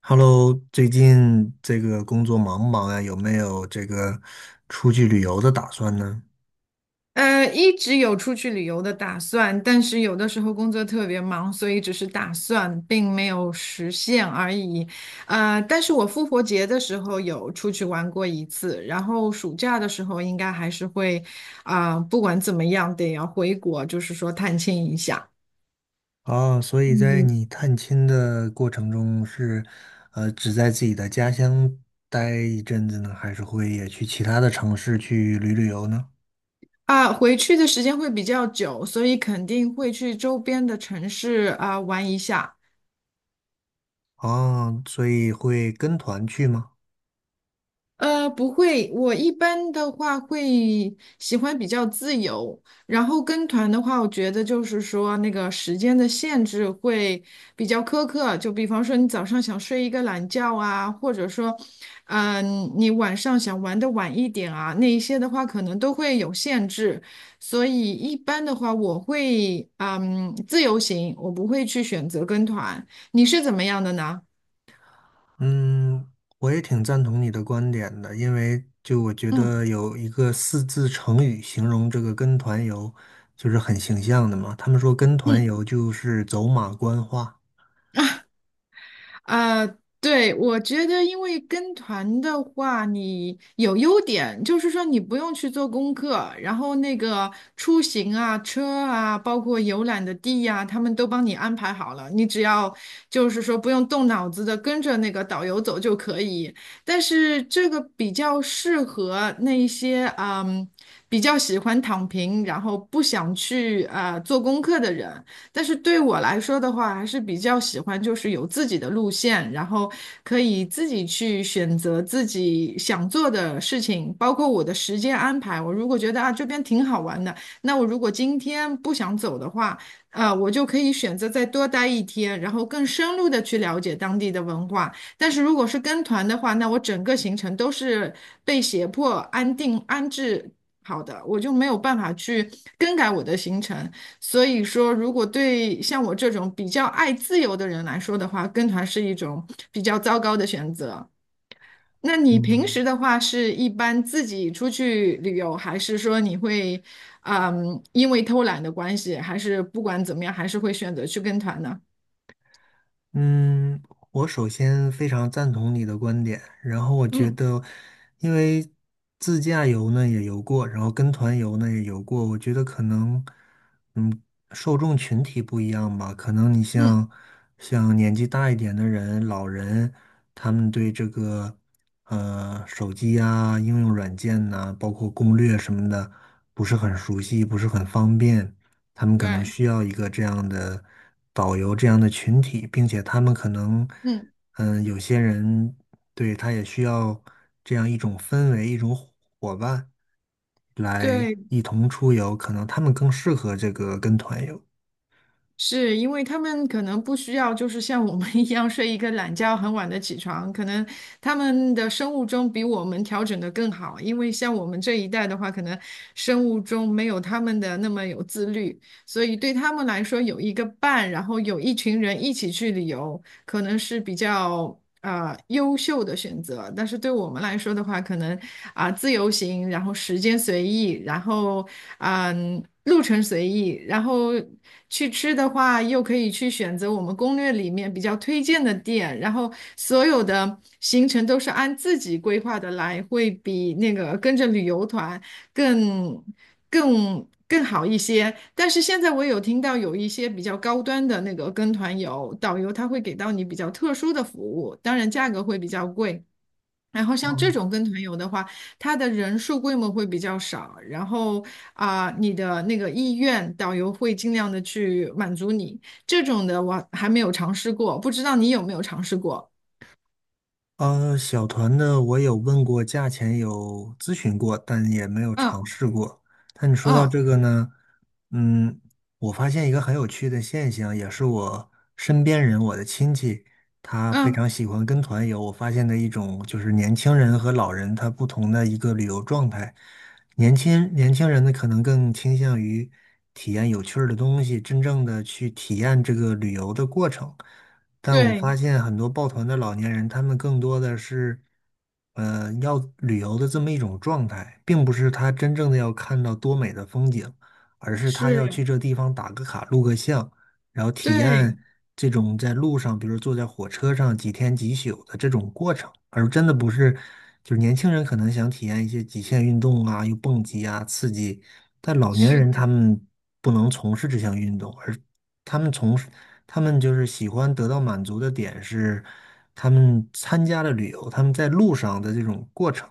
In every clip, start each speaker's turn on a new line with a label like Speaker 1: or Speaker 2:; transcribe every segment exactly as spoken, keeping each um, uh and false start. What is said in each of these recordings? Speaker 1: Hello，最近这个工作忙不忙呀？有没有这个出去旅游的打算呢？
Speaker 2: 呃，一直有出去旅游的打算，但是有的时候工作特别忙，所以只是打算，并没有实现而已。呃，但是我复活节的时候有出去玩过一次，然后暑假的时候应该还是会，啊、不管怎么样得要回国，就是说探亲一下。
Speaker 1: 啊，所以在
Speaker 2: 嗯。
Speaker 1: 你探亲的过程中是，呃，只在自己的家乡待一阵子呢，还是会也去其他的城市去旅旅游呢？
Speaker 2: 啊、回去的时间会比较久，所以肯定会去周边的城市啊、玩一下。
Speaker 1: 啊，所以会跟团去吗？
Speaker 2: 呃，不会，我一般的话会喜欢比较自由，然后跟团的话，我觉得就是说那个时间的限制会比较苛刻，就比方说你早上想睡一个懒觉啊，或者说，嗯、你晚上想玩的晚一点啊，那一些的话可能都会有限制，所以一般的话我会嗯自由行，我不会去选择跟团，你是怎么样的呢？
Speaker 1: 嗯，我也挺赞同你的观点的，因为就我觉
Speaker 2: 嗯
Speaker 1: 得有一个四字成语形容这个跟团游，就是很形象的嘛。他们说跟团
Speaker 2: 嗯。
Speaker 1: 游就是走马观花。
Speaker 2: 啊，对，我觉得，因为跟团的话，你有优点，就是说你不用去做功课，然后那个出行啊、车啊，包括游览的地呀、他们都帮你安排好了，你只要就是说不用动脑子的跟着那个导游走就可以。但是这个比较适合那一些嗯，比较喜欢躺平，然后不想去啊、做功课的人。但是对我来说的话，还是比较喜欢就是有自己的路线，然后可以自己去选择自己想做的事情，包括我的时间安排。我如果觉得啊这边挺好玩的，那我如果今天不想走的话，呃，我就可以选择再多待一天，然后更深入的去了解当地的文化。但是如果是跟团的话，那我整个行程都是被胁迫安定安置好的，我就没有办法去更改我的行程。所以说，如果对像我这种比较爱自由的人来说的话，跟团是一种比较糟糕的选择。那你平
Speaker 1: 嗯。
Speaker 2: 时的话，是一般自己出去旅游，还是说你会，嗯，因为偷懒的关系，还是不管怎么样，还是会选择去跟团呢？
Speaker 1: 嗯，我首先非常赞同你的观点，然后我觉
Speaker 2: 嗯
Speaker 1: 得，因为自驾游呢也游过，然后跟团游呢也游过，我觉得可能，嗯，受众群体不一样吧，可能你
Speaker 2: 嗯，
Speaker 1: 像像年纪大一点的人、老人，他们对这个呃手机啊、应用软件呐、包括攻略什么的，不是很熟悉，不是很方便。他们可能
Speaker 2: 对，
Speaker 1: 需要一个这样的导游这样的群体，并且他们可能，
Speaker 2: 嗯
Speaker 1: 嗯，有些人对他也需要这样一种氛围，一种伙伙伴来
Speaker 2: 对。
Speaker 1: 一同出游，可能他们更适合这个跟团游。
Speaker 2: 是因为他们可能不需要，就是像我们一样睡一个懒觉，很晚的起床。可能他们的生物钟比我们调整的更好，因为像我们这一代的话，可能生物钟没有他们的那么有自律，所以对他们来说有一个伴，然后有一群人一起去旅游，可能是比较呃优秀的选择，但是对我们来说的话，可能啊、自由行，然后时间随意，然后嗯、路程随意，然后去吃的话又可以去选择我们攻略里面比较推荐的店，然后所有的行程都是按自己规划的来，会比那个跟着旅游团。更更更好一些。但是现在我有听到有一些比较高端的那个跟团游，导游他会给到你比较特殊的服务，当然价格会比较贵。然后像这种跟团游的话，它的人数规模会比较少，然后啊、你的那个意愿，导游会尽量的去满足你。这种的我还没有尝试过，不知道你有没有尝试过？
Speaker 1: 呃，小团的我有问过价钱，有咨询过，但也没有尝
Speaker 2: 嗯
Speaker 1: 试过。但你说到
Speaker 2: 嗯
Speaker 1: 这个呢，嗯，我发现一个很有趣的现象，也是我身边人，我的亲戚，他非
Speaker 2: 嗯，
Speaker 1: 常喜欢跟团游。我发现的一种就是年轻人和老人他不同的一个旅游状态。年轻年轻人呢，可能更倾向于体验有趣儿的东西，真正的去体验这个旅游的过程。但我
Speaker 2: 对，
Speaker 1: 发现很多抱团的老年人，他们更多的是，呃，要旅游的这么一种状态，并不是他真正的要看到多美的风景，而是他要去
Speaker 2: 是，
Speaker 1: 这地方打个卡、录个像，然后体
Speaker 2: 对，
Speaker 1: 验这种在路上，比如坐在火车上几天几宿的这种过程，而真的不是，就是年轻人可能想体验一些极限运动啊，又蹦极啊，刺激，但老年
Speaker 2: 是
Speaker 1: 人他
Speaker 2: 的。
Speaker 1: 们不能从事这项运动，而他们从事。他们就是喜欢得到满足的点是，他们参加了旅游，他们在路上的这种过程。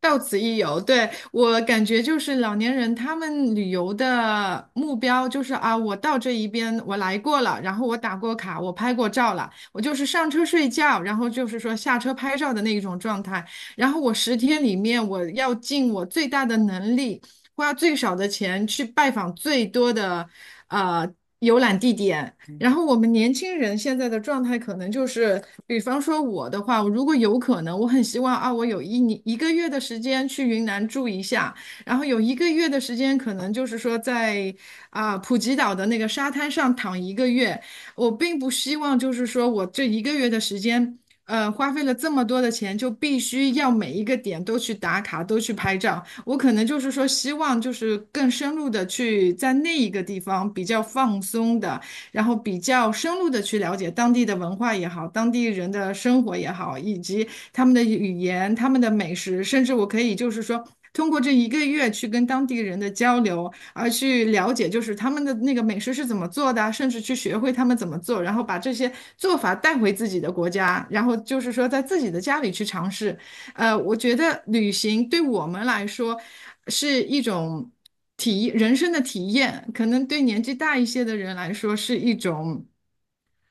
Speaker 2: 到此一游，对，我感觉就是老年人他们旅游的目标就是啊，我到这一边我来过了，然后我打过卡，我拍过照了，我就是上车睡觉，然后就是说下车拍照的那一种状态。然后我十天里面我要尽我最大的能力，花最少的钱去拜访最多的呃游览地点，然后我们年轻人现在的状态可能就是，比方说我的话，如果有可能，我很希望啊，我有一年一个月的时间去云南住一下，然后有一个月的时间，可能就是说在啊、普吉岛的那个沙滩上躺一个月。我并不希望就是说我这一个月的时间，呃，花费了这么多的钱，就必须要每一个点都去打卡，都去拍照。我可能就是说希望就是更深入的去在那一个地方比较放松的。然后比较深入的去了解当地的文化也好，当地人的生活也好，以及他们的语言、他们的美食，甚至我可以就是说。通过这一个月去跟当地人的交流，而去了解就是他们的那个美食是怎么做的啊甚至去学会他们怎么做，然后把这些做法带回自己的国家，然后就是说在自己的家里去尝试，呃，我觉得旅行对我们来说是一种体，人生的体验，可能对年纪大一些的人来说是一种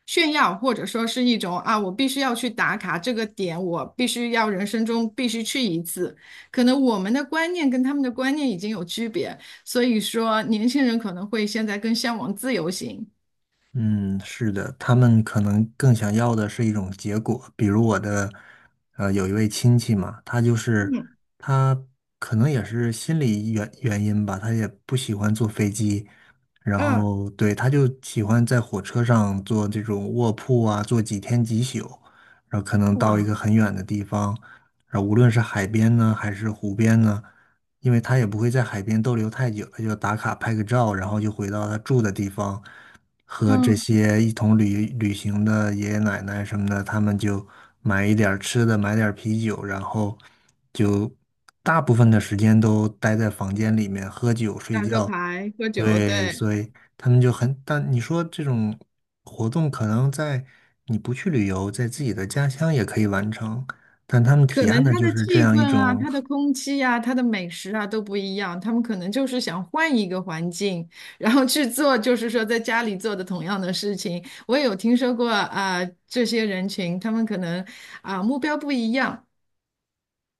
Speaker 2: 炫耀，或者说是一种啊，我必须要去打卡这个点，我必须要人生中必须去一次。可能我们的观念跟他们的观念已经有区别，所以说年轻人可能会现在更向往自由行。
Speaker 1: 嗯，是的，他们可能更想要的是一种结果。比如我的，呃，有一位亲戚嘛，他就是
Speaker 2: 嗯
Speaker 1: 他可能也是心理原原因吧，他也不喜欢坐飞机，然
Speaker 2: 嗯，
Speaker 1: 后对，他就喜欢在火车上坐这种卧铺啊，坐几天几宿，然后可能到一
Speaker 2: 哇，
Speaker 1: 个很远的地方，然后无论是海边呢，还是湖边呢。因为他也不会在海边逗留太久，他就打卡拍个照，然后就回到他住的地方，和这
Speaker 2: 嗯，
Speaker 1: 些一同旅旅行的爷爷奶奶什么的，他们就买一点儿吃的，买点儿啤酒，然后就大部分的时间都待在房间里面喝酒睡
Speaker 2: 打个
Speaker 1: 觉。
Speaker 2: 牌，喝酒，
Speaker 1: 对，
Speaker 2: 对。
Speaker 1: 所以他们就很，但你说这种活动可能在你不去旅游，在自己的家乡也可以完成，但他们体
Speaker 2: 可
Speaker 1: 验
Speaker 2: 能
Speaker 1: 的
Speaker 2: 他
Speaker 1: 就
Speaker 2: 的
Speaker 1: 是这
Speaker 2: 气
Speaker 1: 样
Speaker 2: 氛
Speaker 1: 一
Speaker 2: 啊、
Speaker 1: 种。
Speaker 2: 他的空气啊、他的美食啊都不一样，他们可能就是想换一个环境，然后去做，就是说在家里做的同样的事情。我也有听说过啊、这些人群他们可能啊、目标不一样，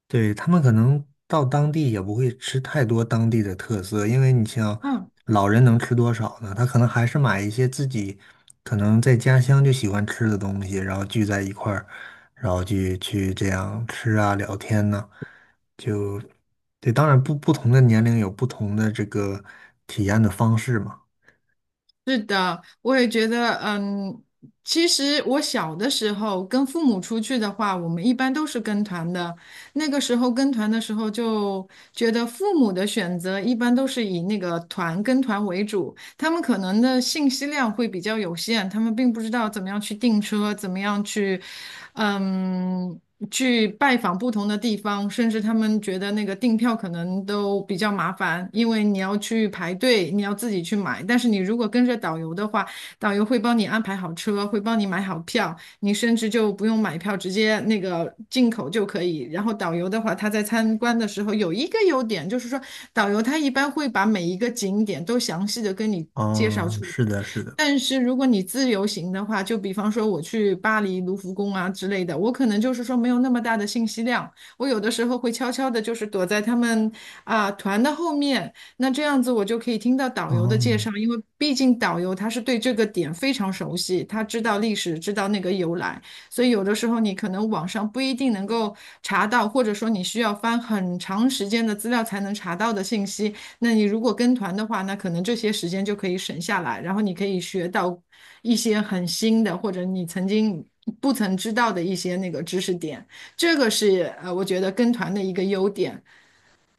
Speaker 1: 对，他们可能到当地也不会吃太多当地的特色，因为你像
Speaker 2: 嗯，
Speaker 1: 老人能吃多少呢？他可能还是买一些自己可能在家乡就喜欢吃的东西，然后聚在一块儿，然后去去这样吃啊聊天呢、就对，当然不不同的年龄有不同的这个体验的方式嘛。
Speaker 2: 我也觉得，嗯，其实我小的时候跟父母出去的话，我们一般都是跟团的。那个时候跟团的时候，就觉得父母的选择一般都是以那个团跟团为主，他们可能的信息量会比较有限，他们并不知道怎么样去订车，怎么样去，嗯。去拜访不同的地方，甚至他们觉得那个订票可能都比较麻烦，因为你要去排队，你要自己去买。但是你如果跟着导游的话，导游会帮你安排好车，会帮你买好票，你甚至就不用买票，直接那个进口就可以。然后导游的话，他在参观的时候有一个优点，就是说导游他一般会把每一个景点都详细的跟你介绍
Speaker 1: 嗯，
Speaker 2: 出来。
Speaker 1: 是的，是的。
Speaker 2: 但是如果你自由行的话，就比方说我去巴黎卢浮宫啊之类的，我可能就是说没有那么大的信息量，我有的时候会悄悄的，就是躲在他们啊、团的后面，那这样子我就可以听到导游的介
Speaker 1: 嗯。
Speaker 2: 绍，因为毕竟导游他是对这个点非常熟悉，他知道历史，知道那个由来，所以有的时候你可能网上不一定能够查到，或者说你需要翻很长时间的资料才能查到的信息。那你如果跟团的话，那可能这些时间就可以省下来，然后你可以学到一些很新的，或者你曾经不曾知道的一些那个知识点。这个是呃，我觉得跟团的一个优点。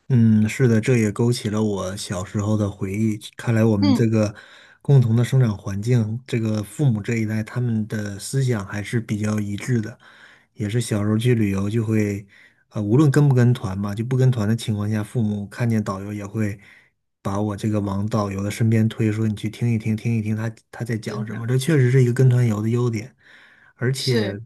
Speaker 1: 嗯，是的，这也勾起了我小时候的回忆。看来我们这
Speaker 2: 嗯，
Speaker 1: 个共同的生长环境，这个父母这一代，他们的思想还是比较一致的。也是小时候去旅游就会，呃，无论跟不跟团嘛，就不跟团的情况下，父母看见导游也会把我这个往导游的身边推，说你去听一听，听一听他他在讲
Speaker 2: 真
Speaker 1: 什么。
Speaker 2: 的
Speaker 1: 这确实是一个跟团游的优点，而且。
Speaker 2: 是，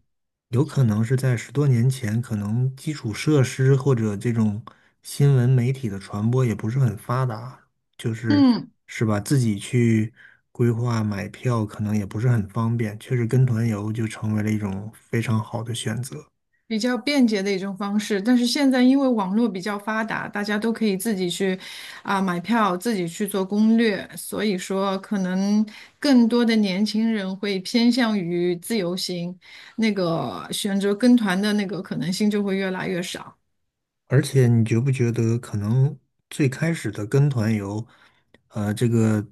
Speaker 1: 有可能是在十多年前，可能基础设施或者这种新闻媒体的传播也不是很发达，就是
Speaker 2: 嗯。
Speaker 1: 是吧？自己去规划买票可能也不是很方便，确实跟团游就成为了一种非常好的选择。
Speaker 2: 比较便捷的一种方式，但是现在因为网络比较发达，大家都可以自己去啊、买票，自己去做攻略，所以说可能更多的年轻人会偏向于自由行，那个选择跟团的那个可能性就会越来越少。
Speaker 1: 而且你觉不觉得，可能最开始的跟团游，呃，这个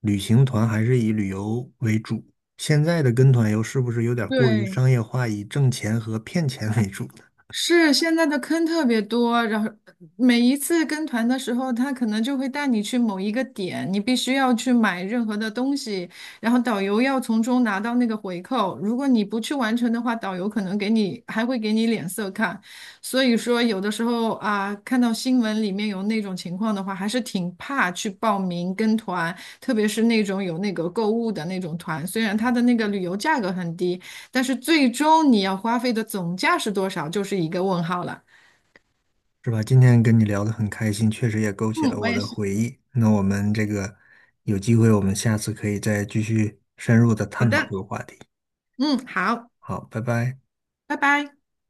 Speaker 1: 旅行团还是以旅游为主，现在的跟团游是不是有点过于
Speaker 2: 对，
Speaker 1: 商业化，以挣钱和骗钱为主？
Speaker 2: 是现在的坑特别多，然后呃每一次跟团的时候，他可能就会带你去某一个点，你必须要去买任何的东西，然后导游要从中拿到那个回扣。如果你不去完成的话，导游可能给你还会给你脸色看。所以说，有的时候啊，看到新闻里面有那种情况的话，还是挺怕去报名跟团，特别是那种有那个购物的那种团，虽然它的那个旅游价格很低。但是最终你要花费的总价是多少，就是一个问号了。
Speaker 1: 是吧？今天跟你聊得很开心，确实也勾起了
Speaker 2: 嗯，我
Speaker 1: 我
Speaker 2: 也
Speaker 1: 的
Speaker 2: 是。
Speaker 1: 回忆。那我们这个有机会，我们下次可以再继续深入的
Speaker 2: 好
Speaker 1: 探讨这
Speaker 2: 的，
Speaker 1: 个话题。
Speaker 2: 嗯，好，
Speaker 1: 好，拜拜。
Speaker 2: 拜拜。